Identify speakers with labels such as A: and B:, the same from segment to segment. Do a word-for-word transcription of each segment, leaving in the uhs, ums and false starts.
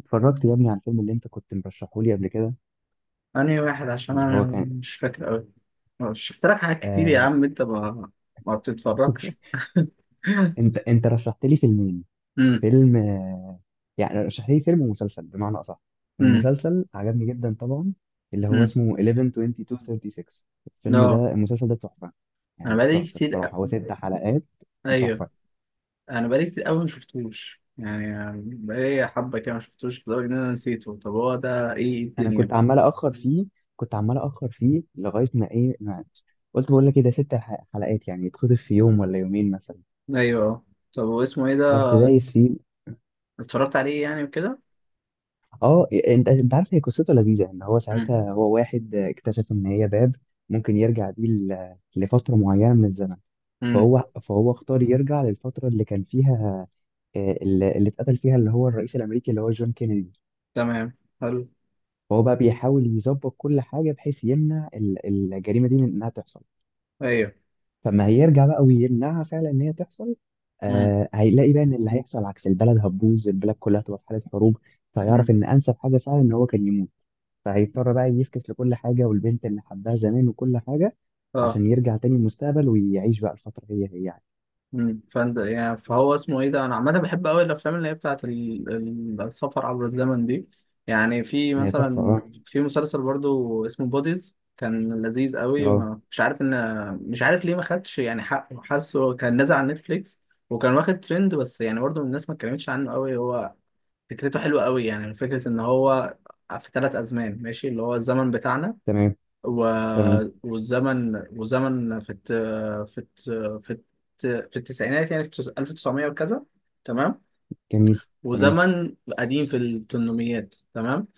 A: اتفرجت يا ابني على الفيلم اللي انت كنت مرشحه لي قبل كده.
B: أنهي واحد؟ عشان
A: اللي
B: أنا
A: هو كان
B: مش فاكر أوي. شفت لك حاجات كتير يا
A: آه
B: عم، أنت ما ما بتتفرجش.
A: انت انت رشحت لي فيلمين.
B: امم.
A: فيلم، آه يعني رشحت لي فيلم ومسلسل بمعنى اصح.
B: امم.
A: المسلسل عجبني جدا طبعا، اللي هو
B: امم.
A: اسمه احداشر، اتنين وعشرين، ستة وتلاتين. الفيلم ده
B: لا،
A: المسلسل ده تحفة،
B: أنا
A: يعني
B: بقالي
A: تحفة
B: كتير
A: الصراحة.
B: أ-
A: هو ست حلقات
B: أيوه،
A: تحفة.
B: أنا بقالي كتير أوي ما شفتوش يعني. بقالي حبة كده ما شفتوش لدرجة إن أنا نسيته. طب هو ده إيه
A: انا كنت
B: الدنيا؟
A: عمال اخر فيه، كنت عمال اخر فيه لغاية ما ايه ما قلت بقول لك ايه ده، ست ح- حلقات يعني يتخطف في يوم ولا يومين مثلا.
B: أيوه. طب هو اسمه إيه ده؟
A: رحت دايس فيه.
B: اتفرجت عليه يعني وكده.
A: اه، انت انت عارف، هي قصته لذيذه ان هو
B: امم.
A: ساعتها، هو واحد اكتشف ان هي باب ممكن يرجع بيه ل- لفتره معينه من الزمن.
B: امم.
A: فهو فهو اختار يرجع للفتره اللي كان فيها، آه، اللي اللي اتقتل فيها اللي هو الرئيس الامريكي اللي هو جون كينيدي.
B: تمام، حلو.
A: فهو بقى بيحاول يظبط كل حاجه بحيث يمنع ال- الجريمه دي من انها تحصل.
B: أيوه.
A: فما هيرجع بقى ويمنعها فعلا ان هي تحصل.
B: امم.
A: آه، هيلاقي بقى ان اللي هيحصل عكس، البلد هتبوظ، البلد كلها هتبقى في حاله حروب. فيعرف
B: امم.
A: ان انسب حاجه فعلا ان هو كان يموت. فهيضطر بقى يفكس لكل حاجة، والبنت اللي حبها زمان وكل حاجة،
B: اه.
A: عشان يرجع تاني المستقبل ويعيش بقى الفترة هي هي يعني.
B: مم. فانت يعني فهو اسمه ايه ده؟ انا عامه بحب قوي الافلام اللي هي بتاعت ال- ال- السفر عبر الزمن دي. يعني في
A: هي تحفة،
B: مثلا،
A: اه.
B: في مسلسل برضو اسمه بوديز، كان لذيذ قوي،
A: اه.
B: ما مش عارف ان، مش عارف ليه ما خدش يعني حقه. حاسه كان نازل على نتفليكس وكان واخد ترند، بس يعني برضو الناس ما اتكلمتش عنه قوي. هو فكرته حلوه قوي، يعني فكره ان هو في ثلاث ازمان ماشي، اللي هو الزمن بتاعنا
A: تمام.
B: و...
A: تمام.
B: والزمن والزمن في الت... في الت... في الت... في التسعينات، يعني في التس- ألف وتسعمية وكذا، تمام.
A: جميل. تمام.
B: وزمن قديم في الثمانينات، تمام.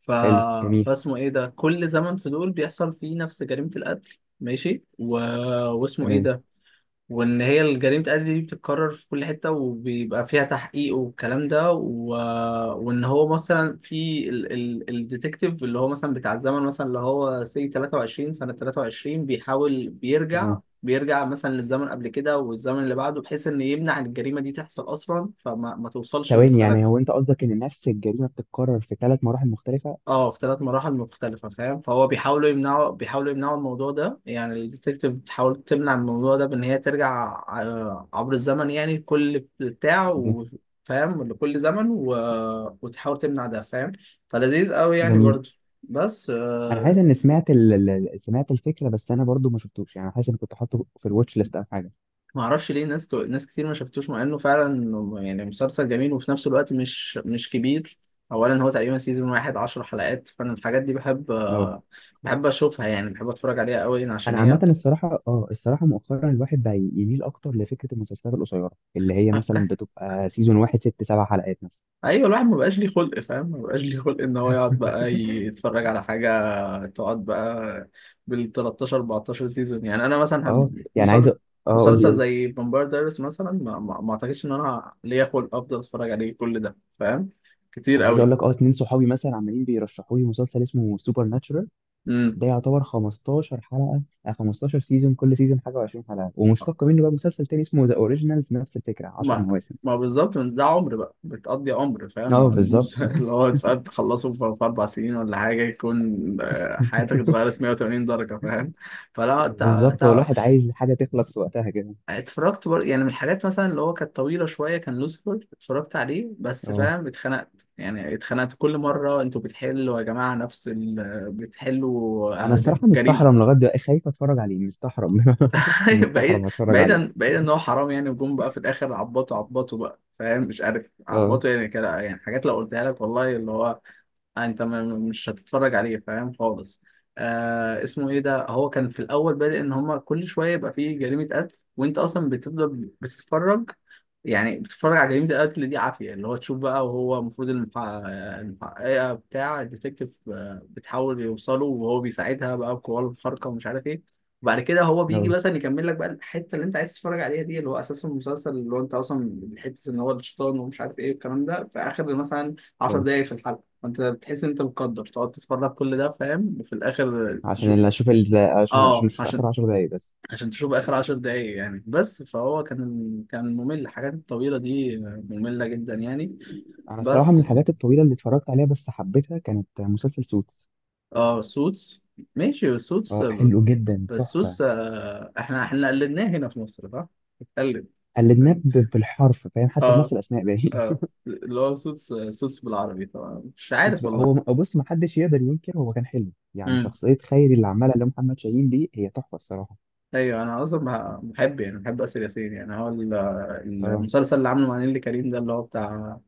B: ف...
A: حلو جميل.
B: فاسمه ايه ده؟ كل زمن في دول بيحصل فيه نفس جريمة القتل، ماشي، و... واسمه ايه
A: تمام.
B: ده. وان هي جريمة قتل دي بتتكرر في كل حتة، وبيبقى فيها تحقيق والكلام ده و... وان هو مثلا في ال... ال... الديتكتيف، اللي هو مثلا بتاع الزمن، مثلا اللي هو سي تلاتة وعشرين، سنة تلاتة وعشرين، بيحاول بيرجع
A: تمام.
B: بيرجع مثلا للزمن قبل كده والزمن اللي بعده، بحيث ان يمنع الجريمة دي تحصل اصلا فما ما توصلش
A: ثواني، يعني
B: للسنة.
A: هو انت قصدك ان نفس الجريمة بتتكرر في ثلاث مراحل مختلفة؟
B: اه، في ثلاث مراحل مختلفة فاهم. فهو بيحاولوا يمنعوا بيحاولوا يمنعوا الموضوع ده، يعني الديتكتيف بتحاول تمنع الموضوع ده بإن هي ترجع ع- آه، عبر الزمن يعني، كل بتاع
A: ج-
B: و- فاهم، لكل زمن و... وتحاول تمنع ده فاهم. فلذيذ قوي يعني
A: جميل.
B: برضه. بس
A: انا
B: آه،
A: حاسس ان سمعت ال... ال- ال- سمعت الفكرة، بس انا برضو ما شفتوش، يعني حاسس ان كنت حاطه في الواتش ليست او حاجة.
B: ما اعرفش ليه ناس ك... ناس كتير ما شافتوش، مع انه فعلا يعني مسلسل جميل، وفي نفس الوقت مش مش كبير. اولا هو تقريبا سيزون واحد عشر حلقات، فانا الحاجات دي بحب
A: اه.
B: آه، بحب اشوفها يعني، بحب اتفرج عليها قوي عشان
A: انا عامه
B: هي.
A: الصراحه، اه الصراحه مؤخرا الواحد بقى يميل اكتر لفكره المسلسلات القصيره، اللي هي مثلا بتبقى سيزون واحد ست سبع حلقات مثلا.
B: ايوه، الواحد ما بقاش ليه خلق فاهم، ما بقاش ليه خلق ان هو يقعد بقى يتفرج على حاجه، تقعد بقى بال تلتاشر أربعتاشر سيزون. يعني انا مثلا
A: اه،
B: هم-
A: يعني عايز أ-
B: مسل-
A: اه قول لي
B: مسلسل
A: قول لي.
B: زي فامباير دايرس مثلا ما, ما, ما اعتقدش ان انا ليا خلق افضل اتفرج عليه كل ده فاهم، كتير
A: انا عايز اقول
B: قوي.
A: لك، اه اتنين صحابي مثلا عمالين بيرشحوا لي مسلسل اسمه سوبر ناتشورال.
B: امم.
A: ده يعتبر خمستاشر حلقه، آه، خمستاشر سيزون، كل سيزون حاجه، وعشرين حلقة. ومشتق منه بقى مسلسل تاني اسمه ذا اوريجينالز، نفس الفكره، عشر
B: ما
A: مواسم.
B: ما بالظبط من ده عمر بقى، بتقضي عمر فاهم مع
A: اه، بالظبط.
B: المسلسل اللي هو فاهم، تخلصه في في اربع سنين ولا حاجه، يكون آه، حياتك اتغيرت مائة وثمانين درجه فاهم. فلا،
A: بالظبط، هو الواحد عايز حاجه تخلص في وقتها كده.
B: اتفرجت بر... يعني من الحاجات مثلا اللي هو كانت طويلة شوية كان لوسيفر، اتفرجت عليه بس
A: اه،
B: فاهم اتخنقت يعني، اتخنقت كل مرة. انتوا بتحلوا يا جماعة نفس ال... بتحلوا
A: انا
B: آه، ج-
A: الصراحه
B: جريمة.
A: مستحرم لغايه دلوقتي، خايف اتفرج عليه، مستحرم.
B: بعيد،
A: مستحرم اتفرج
B: بعيدا
A: عليه.
B: بعيدا ان هو حرام يعني، وجم بقى في الاخر عبطوا، عبطوا بقى فاهم، مش عارف.
A: اه.
B: عبطوا يعني كده يعني، حاجات لو قلتها لك والله اللي هو آه، انت م- مش هتتفرج عليه فاهم خالص. آه، اسمه ايه ده؟ هو كان في الاول بادئ ان هما كل شويه يبقى فيه جريمه قتل، وانت اصلا بتفضل بتتفرج يعني، بتتفرج على جريمه القتل دي عافيه، اللي هو تشوف بقى. وهو المفروض المحقق- المحققه بتاع الديتكتيف آه، بتحاول يوصله، وهو بيساعدها بقى بقواه الخارقه ومش عارف ايه. وبعد كده هو بيجي
A: اه.
B: مثلا يكمل لك بقى الحته اللي انت عايز تتفرج عليها دي، اللي هو اساس المسلسل، اللي هو انت اصلا حته ان هو الشيطان ومش عارف ايه والكلام ده، في اخر مثلا عشر
A: اه،
B: دقايق في الحلقه. انت بتحس ان انت مقدر تقعد تتفرج كل ده فاهم، وفي الاخر
A: عشان
B: تشوف.
A: اللي اشوف ال... عشان عشان
B: اه،
A: اشوف
B: عشان
A: اخر عشر دقايق بس.
B: عشان تشوف اخر عشر دقايق يعني بس. فهو كان كان ممل، الحاجات الطويله دي ممله جدا يعني.
A: انا الصراحه من
B: بس.
A: الحاجات الطويله اللي اتفرجت عليها بس حبيتها كانت مسلسل سوتس.
B: اه سوتس، ماشي سوتس.
A: اه، حلو جدا
B: بس
A: تحفه.
B: سوتس آه، احنا احنا قلدناه هنا في مصر صح؟ اتقلد.
A: قلدناه ب- بالحرف فاهم، حتى بنفس
B: اه.
A: الاسماء باين.
B: اه، اللي هو سوتس، سوتس بالعربي طبعا مش
A: سوتس
B: عارف.
A: بقى- هو بص، ما حدش يقدر ينكر هو كان حلو، يعني
B: والله.
A: شخصيه خيري اللي عملها اللي هو محمد شاهين دي هي تحفه الصراحه.
B: ايوه، انا اصلا بح- بحب يعني، بحب اسر ياسين يعني. هو ال-
A: اه،
B: المسلسل اللي عامله مع نيللي كريم ده اللي هو بتاع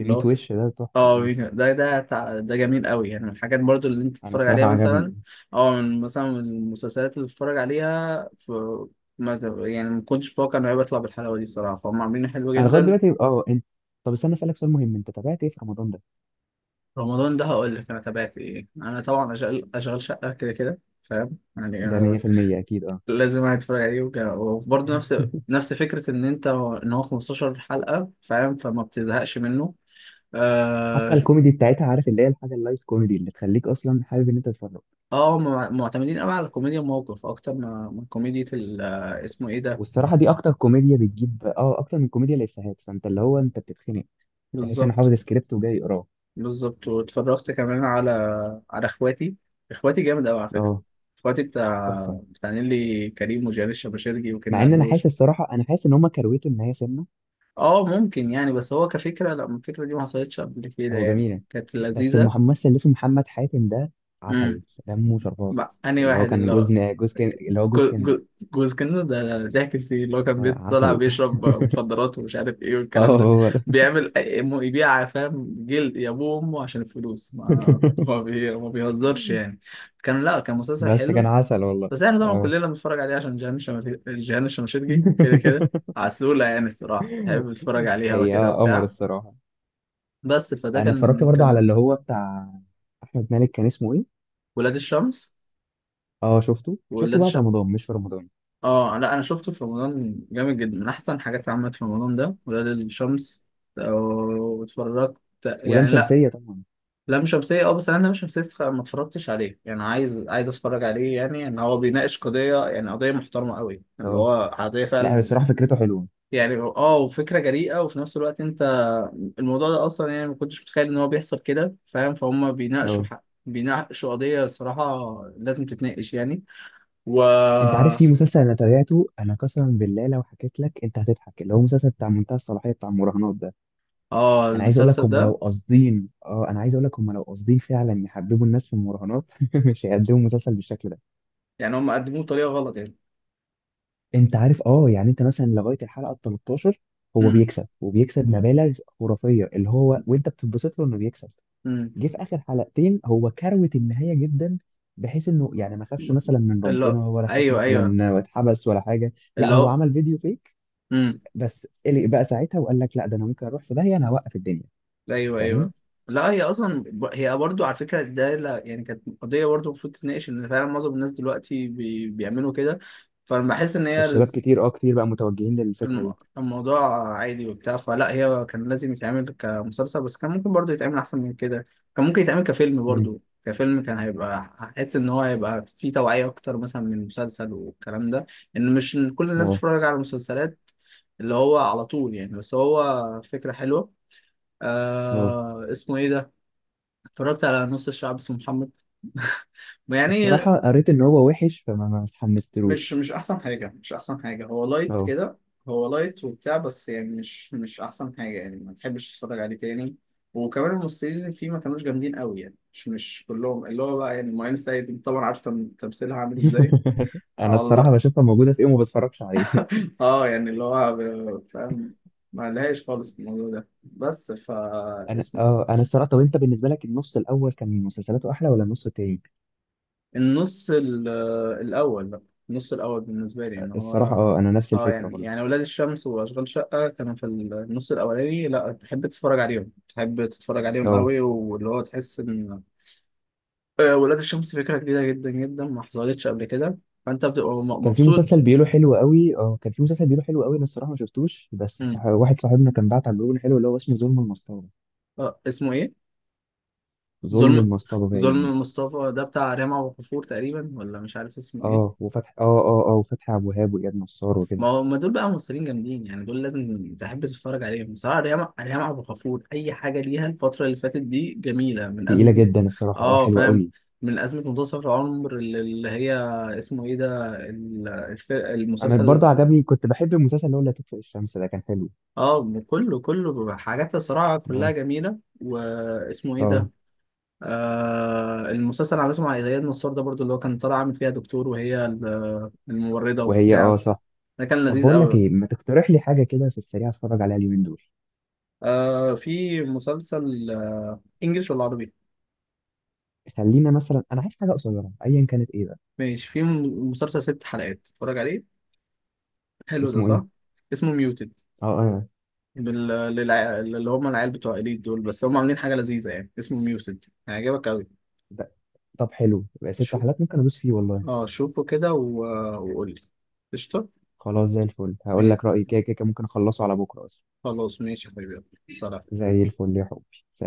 B: اللي هو
A: وش ده تحفه،
B: اه،
A: اه.
B: مين- ده ده بتاع- ده جميل قوي يعني، من الحاجات برضو اللي انت
A: انا
B: تتفرج عليها
A: الصراحه
B: مثلا،
A: عجبني.
B: او من مثلا من المسلسلات اللي تتفرج عليها في ما ت- يعني ما كنتش متوقع انه هيطلع بالحلاوه دي الصراحه، فهم عاملينه حلو
A: انا لغايه
B: جدا.
A: دلوقتي، اه، انت، طب استنى اسالك سؤال مهم، انت تابعت ايه في رمضان ده؟
B: رمضان ده هقول لك انا تابعت ايه. انا طبعا اشغال، اشغال شقه كده كده فاهم
A: ده
B: يعني،
A: ميه في الميه اكيد، اه.
B: لازم واحد يتفرج عليه وكده. وبرضه نفس نفس فكرة إن أنت إن هو خمستاشر حلقة فاهم فما بتزهقش منه.
A: حتى
B: آه.
A: الكوميدي بتاعتها، عارف، اللي هي الحاجه اللايت كوميدي اللي تخليك اصلا حابب ان انت تتفرج.
B: آه، هم معتمدين أوي على كوميديا الموقف أكتر ما ما كوميديا ال- آه، اسمه إيه ده.
A: والصراحه دي اكتر كوميديا بتجيب، اه اكتر من كوميديا الافيهات، فانت اللي هو انت بتتخنق، تحس ان
B: بالظبط.
A: حافظ سكريبت وجاي يقراه.
B: بالظبط، واتفرجت كمان على، على إخواتي. إخواتي جامد أوي على فكرة.
A: اه،
B: إخواتي بتاع،
A: تحفه.
B: بتاع نيلي كريم وجيال الشباشرجي
A: مع
B: وكنا
A: ان انا حاسس
B: علوش.
A: الصراحه، انا حاسس ان هم كرويته ان هي سنه.
B: آه ممكن يعني، بس هو كفكرة لا، الفكرة دي ما حصلتش قبل كده
A: هو
B: يعني،
A: جميله.
B: كانت
A: بس
B: لذيذة.
A: الممثل اللي اسمه محمد حاتم ده عسل، دمه شربات.
B: مع أنهي
A: اللي هو
B: واحد
A: كان
B: اللي هو
A: جوز جوز كن... اللي هو جوز
B: جو-
A: كندا.
B: جو- جوز كده ده، ضحك السي اللي هو كان
A: آه،
B: بيطلع
A: عسل.
B: بيشرب مخدرات ومش عارف ايه
A: اه،
B: والكلام ده.
A: هو ده.
B: بيعمل أي- يبيع فاهم جلد يا ابوه وامه عشان الفلوس، ما ما, بي... ما بيهزرش يعني. كان، لا كان مسلسل
A: بس كان
B: حلو.
A: عسل والله.
B: بس احنا طبعا
A: اه.
B: كلنا بنتفرج عليه عشان جيهان الشمال- جيهان الشماشرجي كده كده. عسولة يعني الصراحة، بحب اتفرج عليها
A: هي،
B: وكده
A: اه، قمر
B: وبتاع.
A: الصراحة.
B: بس فده
A: انا اتفرجت
B: كان
A: برضه على
B: كان
A: اللي هو بتاع احمد مالك، كان اسمه ايه؟
B: ولاد الشمس.
A: اه، شفته شفته
B: ولاد.
A: بعد رمضان مش في رمضان.
B: اه لا، انا شفته في رمضان، جامد جدا، من احسن حاجات اللي عملت في رمضان ده، ولاد الشمس. آه، واتفرجت
A: ولام
B: يعني لا.
A: شمسية طبعا.
B: لام شمسية اه، بس انا لام شمسية استخ- ما اتفرجتش عليه يعني. عايز، عايز اتفرج عليه يعني، ان هو بيناقش قضية يعني، قضية محترمة قوي اللي
A: اه،
B: هو قضية
A: لا
B: فعلا.
A: الصراحة فكرته حلوة.
B: يعني اه، وفكرة جريئة وفي نفس الوقت انت، الموضوع ده اصلا يعني ما كنتش متخيل ان هو بيحصل كده فاهم، فهم بيناقشوا
A: اه،
B: حق، بيناقشوا قضية صراحة لازم تتناقش يعني. و
A: انت عارف في مسلسل انا تابعته، انا قسما بالله لو حكيت لك انت هتضحك، اللي هو مسلسل بتاع منتهى الصلاحية بتاع المراهنات ده.
B: اه
A: انا عايز اقول
B: المسلسل
A: لك هم لو
B: ده
A: قاصدين اه انا عايز اقول لك، هم لو قاصدين فعلا يحببوا الناس في المراهنات، مش هيقدموا مسلسل بالشكل ده.
B: يعني، هم قدموه بطريقه غلط يعني.
A: انت عارف، اه، يعني انت مثلا لغايه الحلقه ال التلتاشر هو
B: امم.
A: بيكسب، وبيكسب مبالغ خرافيه اللي هو، وانت بتتبسط له انه بيكسب.
B: امم.
A: جه في اخر حلقتين، هو كروت النهايه جدا، بحيث انه يعني ما خافش مثلا من
B: اللي،
A: ربنا، ولا خاف
B: ايوه ايوه،
A: مثلا واتحبس ولا حاجه. لا،
B: اللي
A: هو
B: هو.
A: عمل فيديو فيك،
B: امم.
A: بس قلق بقى ساعتها وقال لك لا ده انا ممكن اروح في داهيه، انا هوقف الدنيا،
B: ايوه
A: فاهم.
B: ايوه. لا هي اصلا ب- هي برضو على فكره ده لا يعني، كانت قضيه برضو المفروض تتناقش، ان فعلا معظم الناس دلوقتي بي... بيعملوا كده. فانا بحس ان هي
A: الشباب كتير، اه كتير بقى متوجهين للفكره
B: الم-
A: دي.
B: الموضوع عادي وبتاع. فلا هي كان لازم يتعمل كمسلسل، بس كان ممكن برضه يتعمل أحسن من كده. كان ممكن يتعمل كفيلم
A: امم.
B: برضه. كفيلم كان هيبقى، حاسس إن هو هيبقى فيه توعية أكتر مثلا من المسلسل والكلام ده، إن مش كل الناس
A: اه.
B: بتتفرج على المسلسلات اللي هو على طول يعني. بس هو فكرة حلوة.
A: اه،
B: آه، اسمه إيه ده؟ اتفرجت على نص الشعب اسمه محمد. يعني
A: الصراحه قريت ان هو وحش، فما ما
B: مش
A: اتحمستلوش.
B: مش احسن حاجه، مش احسن حاجه، هو لايت كده. هو لايت وبتاع بس يعني مش مش احسن حاجه يعني، ما تحبش تتفرج عليه تاني. وكمان الممثلين اللي فيه ما كانوش جامدين قوي يعني، مش مش كلهم. اللي هو بقى يعني مؤمن سيد طبعا عارف تم- تمثيلها عامل ازاي.
A: انا
B: على
A: الصراحه
B: الله.
A: بشوفها موجوده في ايه وما بتفرجش عليه.
B: اه يعني اللي هو ب- فاهم، ما لهاش خالص في الموضوع ده بس. فا
A: انا
B: اسم
A: اه انا الصراحه، طب انت بالنسبه لك النص الاول كان مسلسلاته احلى ولا النص التاني؟
B: النص ال- الأول بقى. النص الأول بالنسبة لي إن
A: الصراحه،
B: هو،
A: اه، انا نفس
B: اه
A: الفكره
B: يعني
A: برضه.
B: يعني ولاد الشمس وأشغال شقة كانوا في النص الأولاني، لا تحب تتفرج عليهم، تحب تتفرج عليهم
A: اه
B: قوي، واللي هو تحس إن آه، ولاد الشمس فكرة جديدة جدا جدا ما حصلتش قبل كده، فأنت بتبقى م-
A: كان في مسلسل
B: مبسوط.
A: بيقوله حلو قوي اه، كان في مسلسل بيقوله حلو قوي، انا الصراحه ما شفتوش، بس
B: مم.
A: صح... واحد صاحبنا كان بعت على بيقول حلو، اللي هو اسمه ظلم المصطبه.
B: اه، اسمه إيه؟
A: ظلم
B: ظلم.
A: المصطبه باين.
B: ظلم مصطفى ده بتاع ريهام عبد الغفور تقريبا ولا مش عارف اسمه إيه؟
A: اه وفتح اه اه اه وفتحي عبد الوهاب، واياد نصار،
B: ما
A: وكده.
B: هو ما دول بقى ممثلين جامدين يعني، دول لازم تحب تتفرج عليهم بصراحة. ريما ريما عبد الغفور أي حاجة ليها الفترة اللي فاتت دي جميلة من
A: تقيله
B: أزمة.
A: جدا الصراحه، اه،
B: اه
A: حلوه
B: فاهم.
A: قوي.
B: من أزمة منتصف العمر اللي اللي هي، اسمه إيه ده ال- الف-
A: انا
B: المسلسل.
A: برضه عجبني، كنت بحب المسلسل اللي هو لا تطفئ الشمس ده كان حلو.
B: اه، كله كله حاجات الصراحة كلها
A: اه.
B: جميلة، واسمه إيه ده.
A: اه.
B: آه، المسلسل اللي عملته مع إياد نصار ده برضو اللي هو كان طالع عامل فيها دكتور وهي ال- الممرضة
A: وهي،
B: وبتاع.
A: اه، صح.
B: ده كان
A: طب
B: لذيذ
A: بقول لك
B: أوي.
A: ايه، ما تقترح لي حاجه كده في السريع اتفرج عليها اليومين دول.
B: آه، في مسلسل آه انجلش ولا عربي.
A: خلينا مثلا، انا عايز حاجه قصيره ايا كانت، ايه بقى؟
B: ماشي، في م- مسلسل ست حلقات اتفرج عليه حلو ده
A: اسمه
B: صح.
A: ايه؟
B: اسمه ميوتد.
A: اه. اه.
B: بال... للع... اللي هم العيال بتوع إليت دول، بس هم عاملين حاجة لذيذة يعني، اسمه ميوتد هيعجبك قوي.
A: ده- طب حلو بقى، ست
B: شو،
A: حلقات ممكن ادوس فيه والله.
B: اه شوفه كده و... وقول لي. قشطة.
A: خلاص زي الفل، هقول
B: ماشي.
A: لك رايي كده كده كده، ممكن اخلصه على بكره اصلا.
B: خلاص ماشي يا حبيبي، يلا. سلام.
A: زي الفل يا حبي.